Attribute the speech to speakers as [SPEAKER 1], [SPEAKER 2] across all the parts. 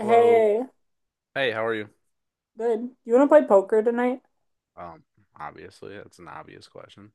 [SPEAKER 1] Hello. Hey, how are you?
[SPEAKER 2] good. You want to play poker tonight?
[SPEAKER 1] Um, Obviously, that's an obvious question.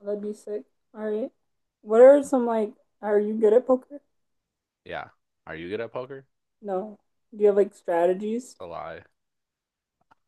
[SPEAKER 2] That'd be sick. All right. What are some are you good at poker?
[SPEAKER 1] Yeah. Are you good at poker?
[SPEAKER 2] No. Do you have like strategies?
[SPEAKER 1] It's a lie.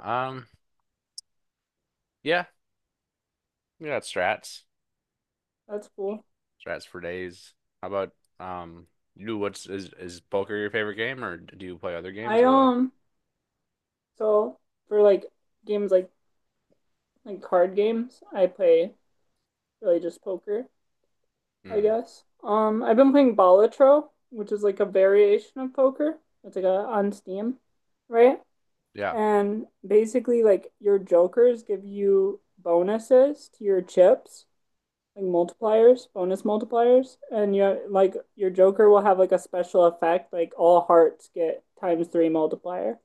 [SPEAKER 1] Um, yeah, we got strats.
[SPEAKER 2] That's cool.
[SPEAKER 1] Strats for days. How about um you what's is poker your favorite game or do you play other games
[SPEAKER 2] I
[SPEAKER 1] or what?
[SPEAKER 2] um, so for like games like card games, I play really just poker, I
[SPEAKER 1] Hmm.
[SPEAKER 2] guess. I've been playing Balatro, which is like a variation of poker. It's like a on Steam, right?
[SPEAKER 1] Yeah.
[SPEAKER 2] And basically like your jokers give you bonuses to your chips, like multipliers, bonus multipliers, and your like your Joker will have like a special effect, like all hearts get times three multiplier.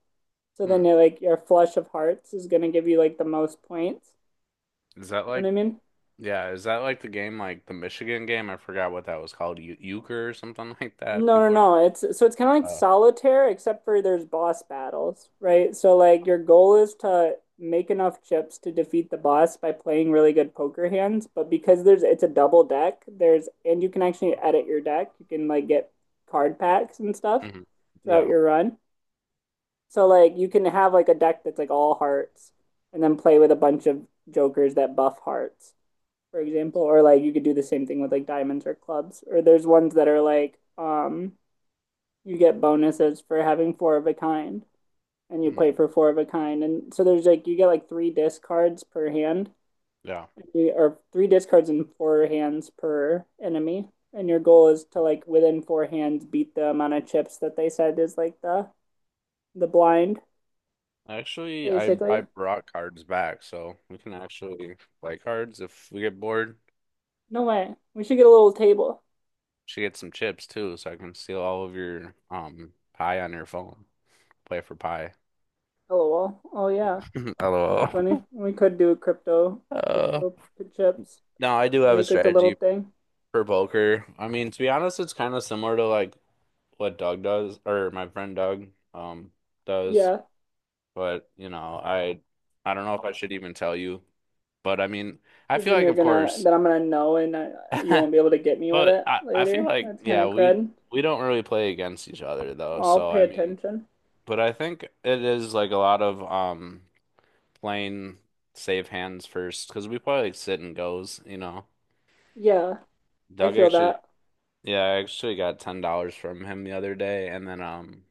[SPEAKER 2] So then
[SPEAKER 1] Hmm.
[SPEAKER 2] like your flush of hearts is gonna give you like the most points.
[SPEAKER 1] Is that
[SPEAKER 2] You know
[SPEAKER 1] like
[SPEAKER 2] what I mean?
[SPEAKER 1] Yeah, is that like the game like the Michigan game? I forgot what that was called. Euchre or something like that.
[SPEAKER 2] No, no,
[SPEAKER 1] People are
[SPEAKER 2] no.
[SPEAKER 1] saying.
[SPEAKER 2] It's it's kind of like
[SPEAKER 1] Uh,
[SPEAKER 2] solitaire, except for there's boss battles, right? So like your goal is to make enough chips to defeat the boss by playing really good poker hands. But because there's it's a double deck, there's and you can actually edit your deck. You can like get card packs and stuff
[SPEAKER 1] mhm.
[SPEAKER 2] throughout
[SPEAKER 1] Yeah.
[SPEAKER 2] your run. So like you can have like a deck that's like all hearts and then play with a bunch of jokers that buff hearts, for example. Or like you could do the same thing with like diamonds or clubs. Or there's ones that are like you get bonuses for having four of a kind and you play
[SPEAKER 1] Hmm.
[SPEAKER 2] for four of a kind, and so there's like you get like three discards per hand,
[SPEAKER 1] Yeah.
[SPEAKER 2] or three discards and four hands per enemy, and your goal is to like within four hands beat the amount of chips that they said is like the blind,
[SPEAKER 1] Actually, I
[SPEAKER 2] basically.
[SPEAKER 1] brought cards back, so we can actually play cards if we get bored.
[SPEAKER 2] No way, we should get a little table.
[SPEAKER 1] She gets some chips too, so I can steal all of your pie on your phone. Play for pie.
[SPEAKER 2] Lol, oh yeah, that'd
[SPEAKER 1] LOL.
[SPEAKER 2] be funny. We could do crypto,
[SPEAKER 1] Uh,
[SPEAKER 2] crypto chips,
[SPEAKER 1] no, I do
[SPEAKER 2] and
[SPEAKER 1] have a
[SPEAKER 2] make like a little
[SPEAKER 1] strategy
[SPEAKER 2] thing.
[SPEAKER 1] for poker. I mean, to be honest, it's kind of similar to like what Doug does or my friend Doug um does,
[SPEAKER 2] Yeah.
[SPEAKER 1] but you know, I don't know if I should even tell you, but I mean, I
[SPEAKER 2] Because
[SPEAKER 1] feel
[SPEAKER 2] then
[SPEAKER 1] like
[SPEAKER 2] you're
[SPEAKER 1] of
[SPEAKER 2] gonna,
[SPEAKER 1] course.
[SPEAKER 2] then I'm gonna know, and I, you won't be able to get me with
[SPEAKER 1] But
[SPEAKER 2] it
[SPEAKER 1] I feel
[SPEAKER 2] later.
[SPEAKER 1] like
[SPEAKER 2] That's kind
[SPEAKER 1] yeah,
[SPEAKER 2] of
[SPEAKER 1] we
[SPEAKER 2] crud.
[SPEAKER 1] we don't really play against each other though.
[SPEAKER 2] I'll
[SPEAKER 1] So
[SPEAKER 2] pay
[SPEAKER 1] I mean,
[SPEAKER 2] attention.
[SPEAKER 1] but I think it is like a lot of playing save hands first because we play like sit and goes, you know.
[SPEAKER 2] Yeah, I
[SPEAKER 1] Doug
[SPEAKER 2] feel
[SPEAKER 1] actually,
[SPEAKER 2] that.
[SPEAKER 1] yeah, I actually got $10 from him the other day, and then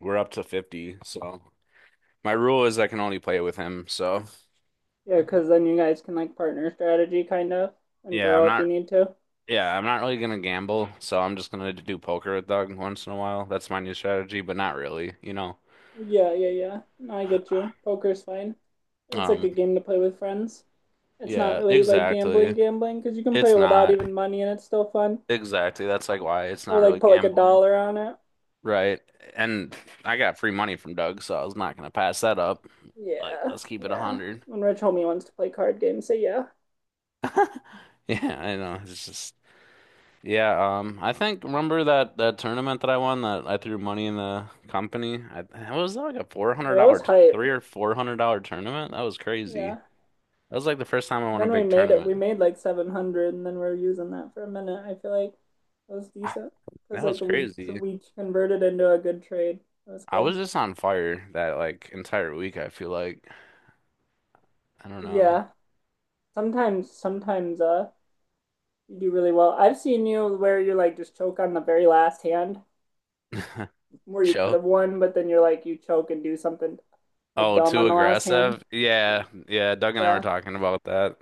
[SPEAKER 1] we're up to 50. So my rule is I can only play with him. So
[SPEAKER 2] Yeah, because then you guys can like partner strategy kind of and
[SPEAKER 1] yeah, I'm
[SPEAKER 2] throw if you
[SPEAKER 1] not.
[SPEAKER 2] need to.
[SPEAKER 1] Yeah, I'm not really gonna gamble, so I'm just gonna do poker with Doug once in a while. That's my new strategy, but not really, you know.
[SPEAKER 2] Yeah, yeah, yeah. No, I get you. Poker's fine. It's like
[SPEAKER 1] Um,
[SPEAKER 2] a game to play with friends. It's not
[SPEAKER 1] Yeah,
[SPEAKER 2] really like gambling,
[SPEAKER 1] exactly.
[SPEAKER 2] gambling, because you can play
[SPEAKER 1] It's
[SPEAKER 2] it without
[SPEAKER 1] not.
[SPEAKER 2] even money and it's still fun.
[SPEAKER 1] Exactly. That's like why it's
[SPEAKER 2] Or
[SPEAKER 1] not
[SPEAKER 2] like
[SPEAKER 1] really
[SPEAKER 2] put like a
[SPEAKER 1] gambling.
[SPEAKER 2] dollar on it.
[SPEAKER 1] Right. And I got free money from Doug, so I was not gonna pass that up. Like,
[SPEAKER 2] Yeah,
[SPEAKER 1] let's keep it a
[SPEAKER 2] yeah.
[SPEAKER 1] hundred.
[SPEAKER 2] When Rich Homie wants to play card games, say yeah.
[SPEAKER 1] Yeah, I know. It's just yeah, I think remember that tournament that I won that I threw money in the company? I it was like a four
[SPEAKER 2] Yeah,
[SPEAKER 1] hundred
[SPEAKER 2] that
[SPEAKER 1] dollar
[SPEAKER 2] was hype.
[SPEAKER 1] three or four hundred dollar tournament. That was crazy.
[SPEAKER 2] Yeah.
[SPEAKER 1] That was like the first time I won a
[SPEAKER 2] Then we
[SPEAKER 1] big
[SPEAKER 2] made it. We
[SPEAKER 1] tournament.
[SPEAKER 2] made like 700, and then we are using that for a minute. I feel like it was
[SPEAKER 1] Ah,
[SPEAKER 2] decent, because
[SPEAKER 1] that
[SPEAKER 2] like
[SPEAKER 1] was
[SPEAKER 2] we
[SPEAKER 1] crazy.
[SPEAKER 2] we converted into a good trade. It was
[SPEAKER 1] I was
[SPEAKER 2] good.
[SPEAKER 1] just on fire that like entire week, I feel like. I don't know.
[SPEAKER 2] Yeah. Sometimes you do really well. I've seen you where you like just choke on the very last hand where you could
[SPEAKER 1] Choke?
[SPEAKER 2] have won, but then you're like you choke and do something like
[SPEAKER 1] Oh,
[SPEAKER 2] dumb on
[SPEAKER 1] too
[SPEAKER 2] the last hand.
[SPEAKER 1] aggressive? Yeah, yeah. Doug and I were
[SPEAKER 2] Yeah.
[SPEAKER 1] talking about that.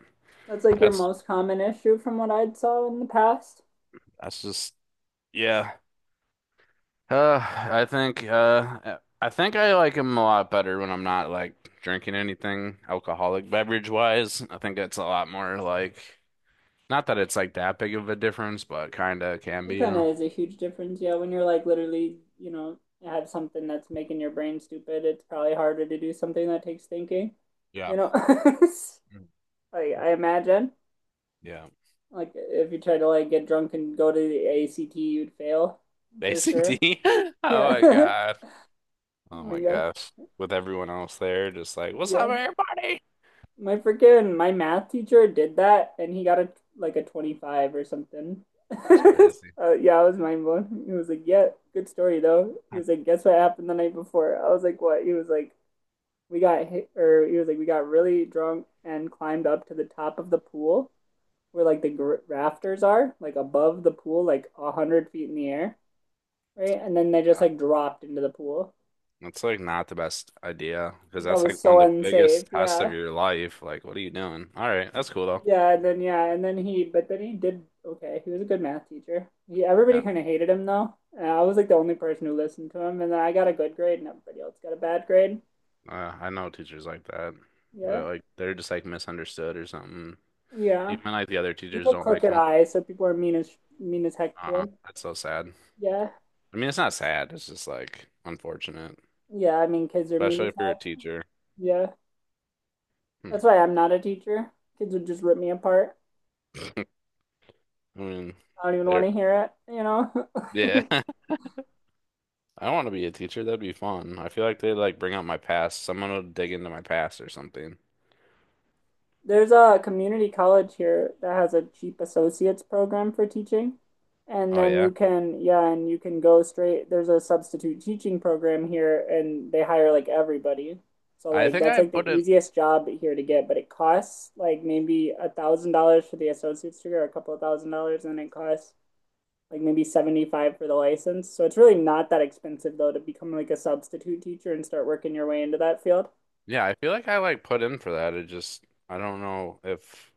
[SPEAKER 2] That's like your
[SPEAKER 1] That's
[SPEAKER 2] most common issue from what I'd saw in the past.
[SPEAKER 1] that's just yeah. Uh, I think I think I like him a lot better when I'm not like drinking anything alcoholic beverage wise. I think it's a lot more like not that it's like that big of a difference, but kind of can
[SPEAKER 2] It
[SPEAKER 1] be, you
[SPEAKER 2] kind of
[SPEAKER 1] know.
[SPEAKER 2] is a huge difference, yeah. When you're like literally, you know, have something that's making your brain stupid, it's probably harder to do something that takes thinking,
[SPEAKER 1] Yeah.
[SPEAKER 2] you know.
[SPEAKER 1] Mm.
[SPEAKER 2] Like I imagine,
[SPEAKER 1] Yeah.
[SPEAKER 2] like if you try to like get drunk and go to the ACT, you'd fail for
[SPEAKER 1] Basic D.
[SPEAKER 2] sure.
[SPEAKER 1] Oh my
[SPEAKER 2] Yeah.
[SPEAKER 1] God.
[SPEAKER 2] Oh
[SPEAKER 1] Oh
[SPEAKER 2] my
[SPEAKER 1] my
[SPEAKER 2] gosh.
[SPEAKER 1] gosh. With everyone else there, just like, what's up,
[SPEAKER 2] Yeah.
[SPEAKER 1] everybody?
[SPEAKER 2] My freaking my math teacher did that and he got a like a 25 or something.
[SPEAKER 1] It's crazy.
[SPEAKER 2] Yeah, I was mind blown. He was like, "Yeah, good story though." He was like, "Guess what happened the night before?" I was like, "What?" He was like, "We got hit," or he was like, "We got really drunk and climbed up to the top of the pool where like the rafters are, like above the pool, like 100 feet in the air, right?" And then they just like dropped into the pool.
[SPEAKER 1] That's like not the best idea because
[SPEAKER 2] That
[SPEAKER 1] that's
[SPEAKER 2] was
[SPEAKER 1] like one
[SPEAKER 2] so
[SPEAKER 1] of the
[SPEAKER 2] unsafe.
[SPEAKER 1] biggest tests of
[SPEAKER 2] Yeah.
[SPEAKER 1] your life. Like, what are you doing? All right, that's cool though.
[SPEAKER 2] Yeah, and then he, but then he did okay. He was a good math teacher. He, everybody
[SPEAKER 1] Yeah,
[SPEAKER 2] kind of hated him though. And I was like the only person who listened to him, and then I got a good grade, and everybody else got a bad grade.
[SPEAKER 1] I know teachers like that,
[SPEAKER 2] Yeah,
[SPEAKER 1] but like they're just like misunderstood or something.
[SPEAKER 2] yeah.
[SPEAKER 1] Even like the other
[SPEAKER 2] He
[SPEAKER 1] teachers
[SPEAKER 2] had
[SPEAKER 1] don't like
[SPEAKER 2] crooked
[SPEAKER 1] them.
[SPEAKER 2] eyes, so people are mean as heck to him.
[SPEAKER 1] That's so sad.
[SPEAKER 2] Yeah,
[SPEAKER 1] I mean, it's not sad. It's just like unfortunate,
[SPEAKER 2] yeah. I mean, kids are mean
[SPEAKER 1] especially
[SPEAKER 2] as
[SPEAKER 1] if you're a
[SPEAKER 2] heck.
[SPEAKER 1] teacher.
[SPEAKER 2] Yeah,
[SPEAKER 1] Hmm.
[SPEAKER 2] that's why I'm not a teacher. Kids would just rip me apart.
[SPEAKER 1] I mean,
[SPEAKER 2] I don't even want
[SPEAKER 1] they're
[SPEAKER 2] to hear it, you know.
[SPEAKER 1] yeah. I want to be a teacher. That'd be fun. I feel like they'd like bring out my past. Someone would dig into my past or something.
[SPEAKER 2] There's a community college here that has a cheap associates program for teaching. And
[SPEAKER 1] Oh
[SPEAKER 2] then you
[SPEAKER 1] yeah.
[SPEAKER 2] can, yeah, and you can go straight. There's a substitute teaching program here, and they hire like everybody. So
[SPEAKER 1] I
[SPEAKER 2] like
[SPEAKER 1] think
[SPEAKER 2] that's
[SPEAKER 1] I
[SPEAKER 2] like
[SPEAKER 1] put
[SPEAKER 2] the
[SPEAKER 1] in
[SPEAKER 2] easiest job here to get, but it costs like maybe $1,000 for the associate's degree or a couple of thousand dollars, and it costs like maybe 75 for the license. So it's really not that expensive though to become like a substitute teacher and start working your way into that field.
[SPEAKER 1] Yeah, I feel like I like put in for that. It just I don't know if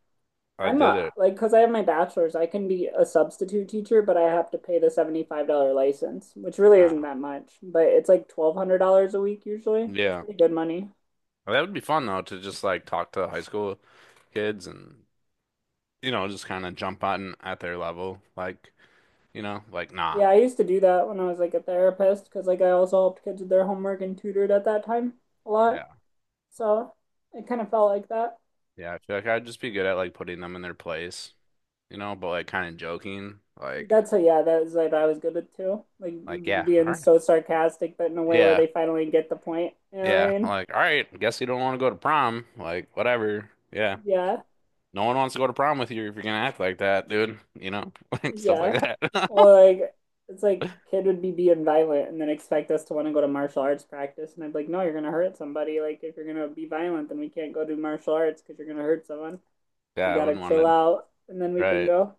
[SPEAKER 1] I
[SPEAKER 2] I'm
[SPEAKER 1] did
[SPEAKER 2] a
[SPEAKER 1] it.
[SPEAKER 2] like Because I have my bachelor's, I can be a substitute teacher, but I have to pay the $75 license, which really isn't
[SPEAKER 1] Ah,
[SPEAKER 2] that much, but it's like $1,200 a week usually. It's
[SPEAKER 1] yeah.
[SPEAKER 2] pretty good money.
[SPEAKER 1] That would be fun though to just like talk to high school kids and you know just kind of jump on at their level like you know like nah.
[SPEAKER 2] Yeah, I used to do that when I was like a therapist, because like I also helped kids with their homework and tutored at that time a
[SPEAKER 1] Yeah.
[SPEAKER 2] lot. So it kind of felt like that.
[SPEAKER 1] Yeah, I feel like I'd just be good at like putting them in their place, you know, but like kind of joking like
[SPEAKER 2] Yeah, that's like I was good at too. Like
[SPEAKER 1] yeah, all
[SPEAKER 2] being
[SPEAKER 1] right.
[SPEAKER 2] so sarcastic, but in a way where
[SPEAKER 1] Yeah.
[SPEAKER 2] they finally get the point. You know what
[SPEAKER 1] Yeah,
[SPEAKER 2] I mean?
[SPEAKER 1] like all right, guess you don't want to go to prom, like whatever. Yeah.
[SPEAKER 2] Yeah.
[SPEAKER 1] No one wants to go to prom with you if you're gonna act like that, dude. You know, stuff like
[SPEAKER 2] Yeah.
[SPEAKER 1] that.
[SPEAKER 2] Well, like it's like kid would be being violent and then expect us to want to go to martial arts practice, and I'd be like, no, you're gonna hurt somebody. Like if you're gonna be violent, then we can't go do martial arts because you're gonna hurt someone. So
[SPEAKER 1] Yeah,
[SPEAKER 2] you
[SPEAKER 1] I
[SPEAKER 2] gotta
[SPEAKER 1] wouldn't want
[SPEAKER 2] chill
[SPEAKER 1] to,
[SPEAKER 2] out, and then we can
[SPEAKER 1] right?
[SPEAKER 2] go.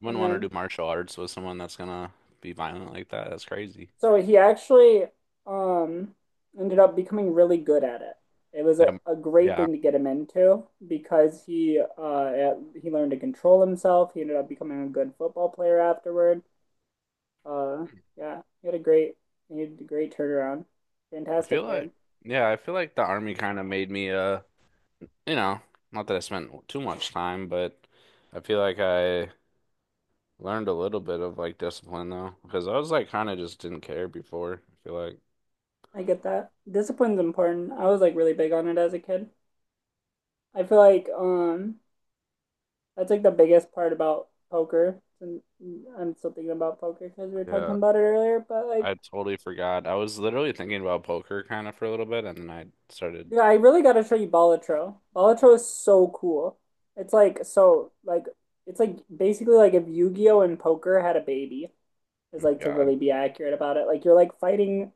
[SPEAKER 1] Wouldn't
[SPEAKER 2] And
[SPEAKER 1] want to
[SPEAKER 2] then
[SPEAKER 1] do martial arts with someone that's gonna be violent like that. That's crazy.
[SPEAKER 2] so he actually um ended up becoming really good at it. It was
[SPEAKER 1] Yeah,
[SPEAKER 2] a great
[SPEAKER 1] yeah.
[SPEAKER 2] thing to get him into because he learned to control himself. He ended up becoming a good football player afterward. Uh, yeah, he had a great turnaround.
[SPEAKER 1] I feel
[SPEAKER 2] Fantastic kid.
[SPEAKER 1] like, yeah, I feel like the army kind of made me, you know, not that I spent too much time, but I feel like I learned a little bit of like discipline though, because I was like kind of just didn't care before. I feel like,
[SPEAKER 2] I get that. Discipline's important. I was like really big on it as a kid. I feel like that's like the biggest part about poker. And I'm still thinking about poker because we were talking
[SPEAKER 1] yeah,
[SPEAKER 2] about it earlier. But like,
[SPEAKER 1] I totally forgot. I was literally thinking about poker kind of for a little bit, and then I
[SPEAKER 2] yeah,
[SPEAKER 1] started
[SPEAKER 2] I really gotta show you Balatro. Balatro is so cool. It's like so like it's like basically like if Yu-Gi-Oh and poker had a baby is like to
[SPEAKER 1] God.
[SPEAKER 2] really be accurate about it. Like you're like fighting.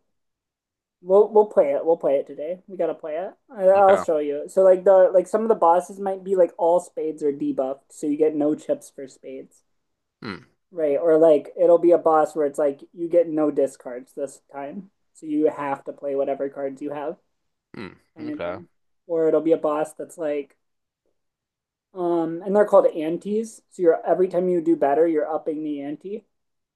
[SPEAKER 2] We'll play it. We'll play it today. We gotta play it. I- will
[SPEAKER 1] Okay.
[SPEAKER 2] show you. So like the like some of the bosses might be like all spades are debuffed, so you get no chips for spades,
[SPEAKER 1] Hmm.
[SPEAKER 2] right? Or like it'll be a boss where it's like you get no discards this time, so you have to play whatever cards you have,
[SPEAKER 1] Hmm.
[SPEAKER 2] kind of
[SPEAKER 1] Okay.
[SPEAKER 2] thing. Or it'll be a boss that's like, and they're called antes. So you're every time you do better, you're upping the ante.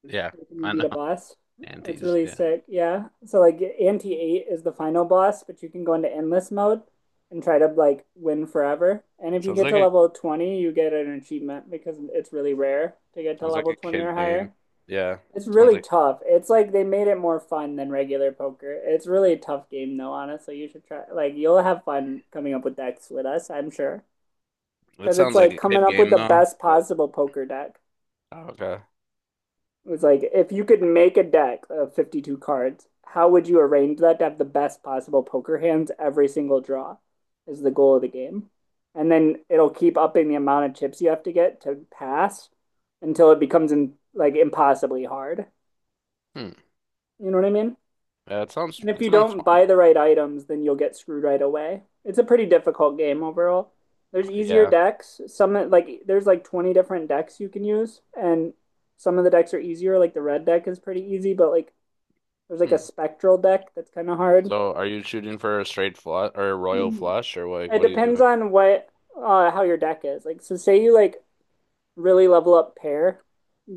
[SPEAKER 1] Yeah.
[SPEAKER 2] Like, can you
[SPEAKER 1] I
[SPEAKER 2] beat
[SPEAKER 1] know.
[SPEAKER 2] a boss? It's
[SPEAKER 1] Antes.
[SPEAKER 2] really
[SPEAKER 1] Yeah.
[SPEAKER 2] sick. Yeah. So like Anti 8 is the final boss, but you can go into endless mode and try to like win forever. And if you
[SPEAKER 1] Sounds
[SPEAKER 2] get
[SPEAKER 1] like
[SPEAKER 2] to
[SPEAKER 1] a
[SPEAKER 2] level 20, you get an achievement because it's really rare to get to
[SPEAKER 1] Sounds like
[SPEAKER 2] level
[SPEAKER 1] a
[SPEAKER 2] 20 or
[SPEAKER 1] kid game.
[SPEAKER 2] higher.
[SPEAKER 1] Yeah.
[SPEAKER 2] It's
[SPEAKER 1] Sounds
[SPEAKER 2] really
[SPEAKER 1] like
[SPEAKER 2] tough. It's like they made it more fun than regular poker. It's really a tough game though, honestly. You should try, like you'll have fun coming up with decks with us, I'm sure.
[SPEAKER 1] It
[SPEAKER 2] Because it's
[SPEAKER 1] sounds like
[SPEAKER 2] like
[SPEAKER 1] a
[SPEAKER 2] coming
[SPEAKER 1] kid
[SPEAKER 2] up with
[SPEAKER 1] game
[SPEAKER 2] the
[SPEAKER 1] though.
[SPEAKER 2] best
[SPEAKER 1] But
[SPEAKER 2] possible poker deck.
[SPEAKER 1] oh, okay.
[SPEAKER 2] It was like if you could make a deck of 52 cards, how would you arrange that to have the best possible poker hands every single draw is the goal of the game. And then it'll keep upping the amount of chips you have to get to pass until it becomes like impossibly hard.
[SPEAKER 1] Hmm.
[SPEAKER 2] You know what I mean?
[SPEAKER 1] Yeah.
[SPEAKER 2] And if
[SPEAKER 1] It
[SPEAKER 2] you
[SPEAKER 1] sounds
[SPEAKER 2] don't
[SPEAKER 1] fun.
[SPEAKER 2] buy the right items, then you'll get screwed right away. It's a pretty difficult game overall. There's easier
[SPEAKER 1] Yeah.
[SPEAKER 2] decks. Some like there's like 20 different decks you can use, and some of the decks are easier, like the red deck is pretty easy, but like there's like a
[SPEAKER 1] Hmm.
[SPEAKER 2] spectral deck that's kind of hard.
[SPEAKER 1] So are you shooting for a straight flush or a royal
[SPEAKER 2] Mm-hmm.
[SPEAKER 1] flush or like
[SPEAKER 2] It
[SPEAKER 1] what are you
[SPEAKER 2] depends
[SPEAKER 1] doing?
[SPEAKER 2] on what how your deck is. Like so say you like really level up pair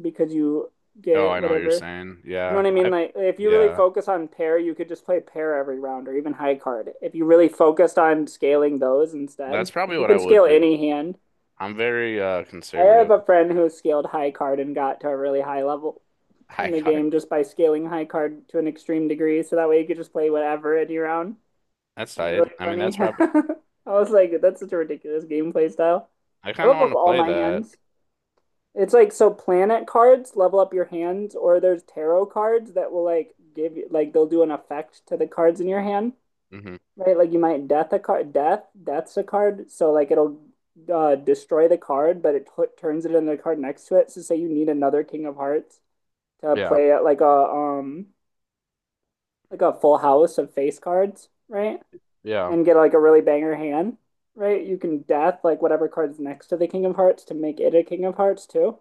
[SPEAKER 2] because you
[SPEAKER 1] Oh,
[SPEAKER 2] get
[SPEAKER 1] I know what you're
[SPEAKER 2] whatever.
[SPEAKER 1] saying.
[SPEAKER 2] You know
[SPEAKER 1] Yeah.
[SPEAKER 2] what I mean?
[SPEAKER 1] I.
[SPEAKER 2] Like if you really
[SPEAKER 1] Yeah.
[SPEAKER 2] focus on pair, you could just play pair every round or even high card. If you really focused on scaling those instead,
[SPEAKER 1] That's probably
[SPEAKER 2] because you
[SPEAKER 1] what I
[SPEAKER 2] can
[SPEAKER 1] would
[SPEAKER 2] scale
[SPEAKER 1] do.
[SPEAKER 2] any hand.
[SPEAKER 1] I'm very
[SPEAKER 2] I have
[SPEAKER 1] conservative.
[SPEAKER 2] a friend who scaled high card and got to a really high level in
[SPEAKER 1] High
[SPEAKER 2] the
[SPEAKER 1] card.
[SPEAKER 2] game just by scaling high card to an extreme degree. So that way you could just play whatever in your round.
[SPEAKER 1] That's
[SPEAKER 2] Was really
[SPEAKER 1] tight. I mean,
[SPEAKER 2] funny.
[SPEAKER 1] that's probably.
[SPEAKER 2] I was like, that's such a ridiculous gameplay style.
[SPEAKER 1] I
[SPEAKER 2] I
[SPEAKER 1] kind of
[SPEAKER 2] level
[SPEAKER 1] want
[SPEAKER 2] up
[SPEAKER 1] to
[SPEAKER 2] all
[SPEAKER 1] play
[SPEAKER 2] my
[SPEAKER 1] that.
[SPEAKER 2] hands. It's like so planet cards level up your hands, or there's tarot cards that will like give you like they'll do an effect to the cards in your hand,
[SPEAKER 1] Hmm.
[SPEAKER 2] right? Like you might death a card, death's a card, so like it'll destroy the card, but it t turns it into the card next to it. So say you need another King of Hearts to
[SPEAKER 1] Yeah.
[SPEAKER 2] play at like a full house of face cards, right?
[SPEAKER 1] Yeah.
[SPEAKER 2] And get like a really banger hand, right? You can death like whatever card is next to the King of Hearts to make it a King of Hearts too.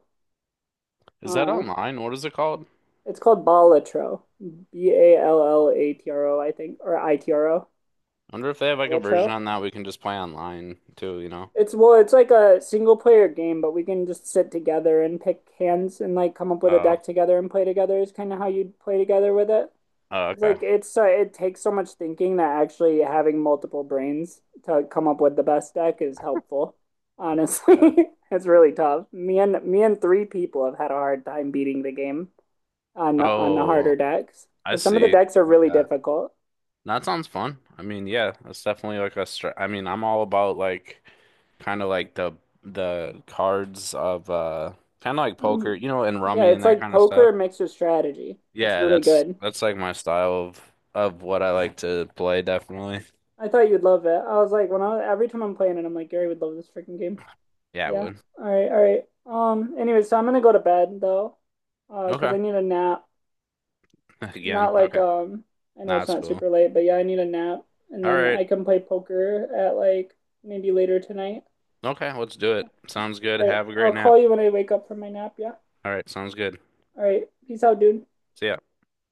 [SPEAKER 1] Is that
[SPEAKER 2] Uh,
[SPEAKER 1] online? What is it called?
[SPEAKER 2] it's called Balatro. B A L L A T R O, I think, or ITRO.
[SPEAKER 1] I wonder if they have like a version
[SPEAKER 2] Balatro.
[SPEAKER 1] on that we can just play online too, you know?
[SPEAKER 2] It's well, it's like a single player game, but we can just sit together and pick hands and like come up with a
[SPEAKER 1] Oh.
[SPEAKER 2] deck together and play together is kind of how you'd play together with it.
[SPEAKER 1] Oh,
[SPEAKER 2] It's
[SPEAKER 1] okay.
[SPEAKER 2] like it's so it takes so much thinking that actually having multiple brains to come up with the best deck is helpful. Honestly,
[SPEAKER 1] Yeah.
[SPEAKER 2] it's really tough. Me and three people have had a hard time beating the game on on the
[SPEAKER 1] Oh,
[SPEAKER 2] harder decks
[SPEAKER 1] I
[SPEAKER 2] because some of the
[SPEAKER 1] see.
[SPEAKER 2] decks are really
[SPEAKER 1] Okay.
[SPEAKER 2] difficult.
[SPEAKER 1] That sounds fun. I mean, yeah, that's definitely like a str I mean, I'm all about like kind of like the cards of kind of like poker, you know, and
[SPEAKER 2] Yeah,
[SPEAKER 1] rummy
[SPEAKER 2] it's
[SPEAKER 1] and that
[SPEAKER 2] like
[SPEAKER 1] kind of stuff.
[SPEAKER 2] poker mixed with strategy. It's
[SPEAKER 1] Yeah,
[SPEAKER 2] really
[SPEAKER 1] that's
[SPEAKER 2] good.
[SPEAKER 1] that's like my style of what I like to play, definitely.
[SPEAKER 2] I thought you'd love it. I was like, when I every time I'm playing it, I'm like, Gary would love this freaking game.
[SPEAKER 1] Yeah, I
[SPEAKER 2] Yeah.
[SPEAKER 1] would.
[SPEAKER 2] All right. All right. Anyway, so I'm gonna go to bed though, because
[SPEAKER 1] Okay.
[SPEAKER 2] I need a nap.
[SPEAKER 1] Again.
[SPEAKER 2] Not like
[SPEAKER 1] Okay.
[SPEAKER 2] I know
[SPEAKER 1] Nah,
[SPEAKER 2] it's
[SPEAKER 1] it's
[SPEAKER 2] not
[SPEAKER 1] cool.
[SPEAKER 2] super late, but yeah, I need a nap. And
[SPEAKER 1] All
[SPEAKER 2] then
[SPEAKER 1] right.
[SPEAKER 2] I can play poker at like maybe later tonight.
[SPEAKER 1] Okay, let's do it. Sounds good.
[SPEAKER 2] All right.
[SPEAKER 1] Have a
[SPEAKER 2] I'll
[SPEAKER 1] great nap.
[SPEAKER 2] call you when I wake up from my nap, yeah?
[SPEAKER 1] All right, sounds good.
[SPEAKER 2] All right. Peace out, dude.
[SPEAKER 1] See ya.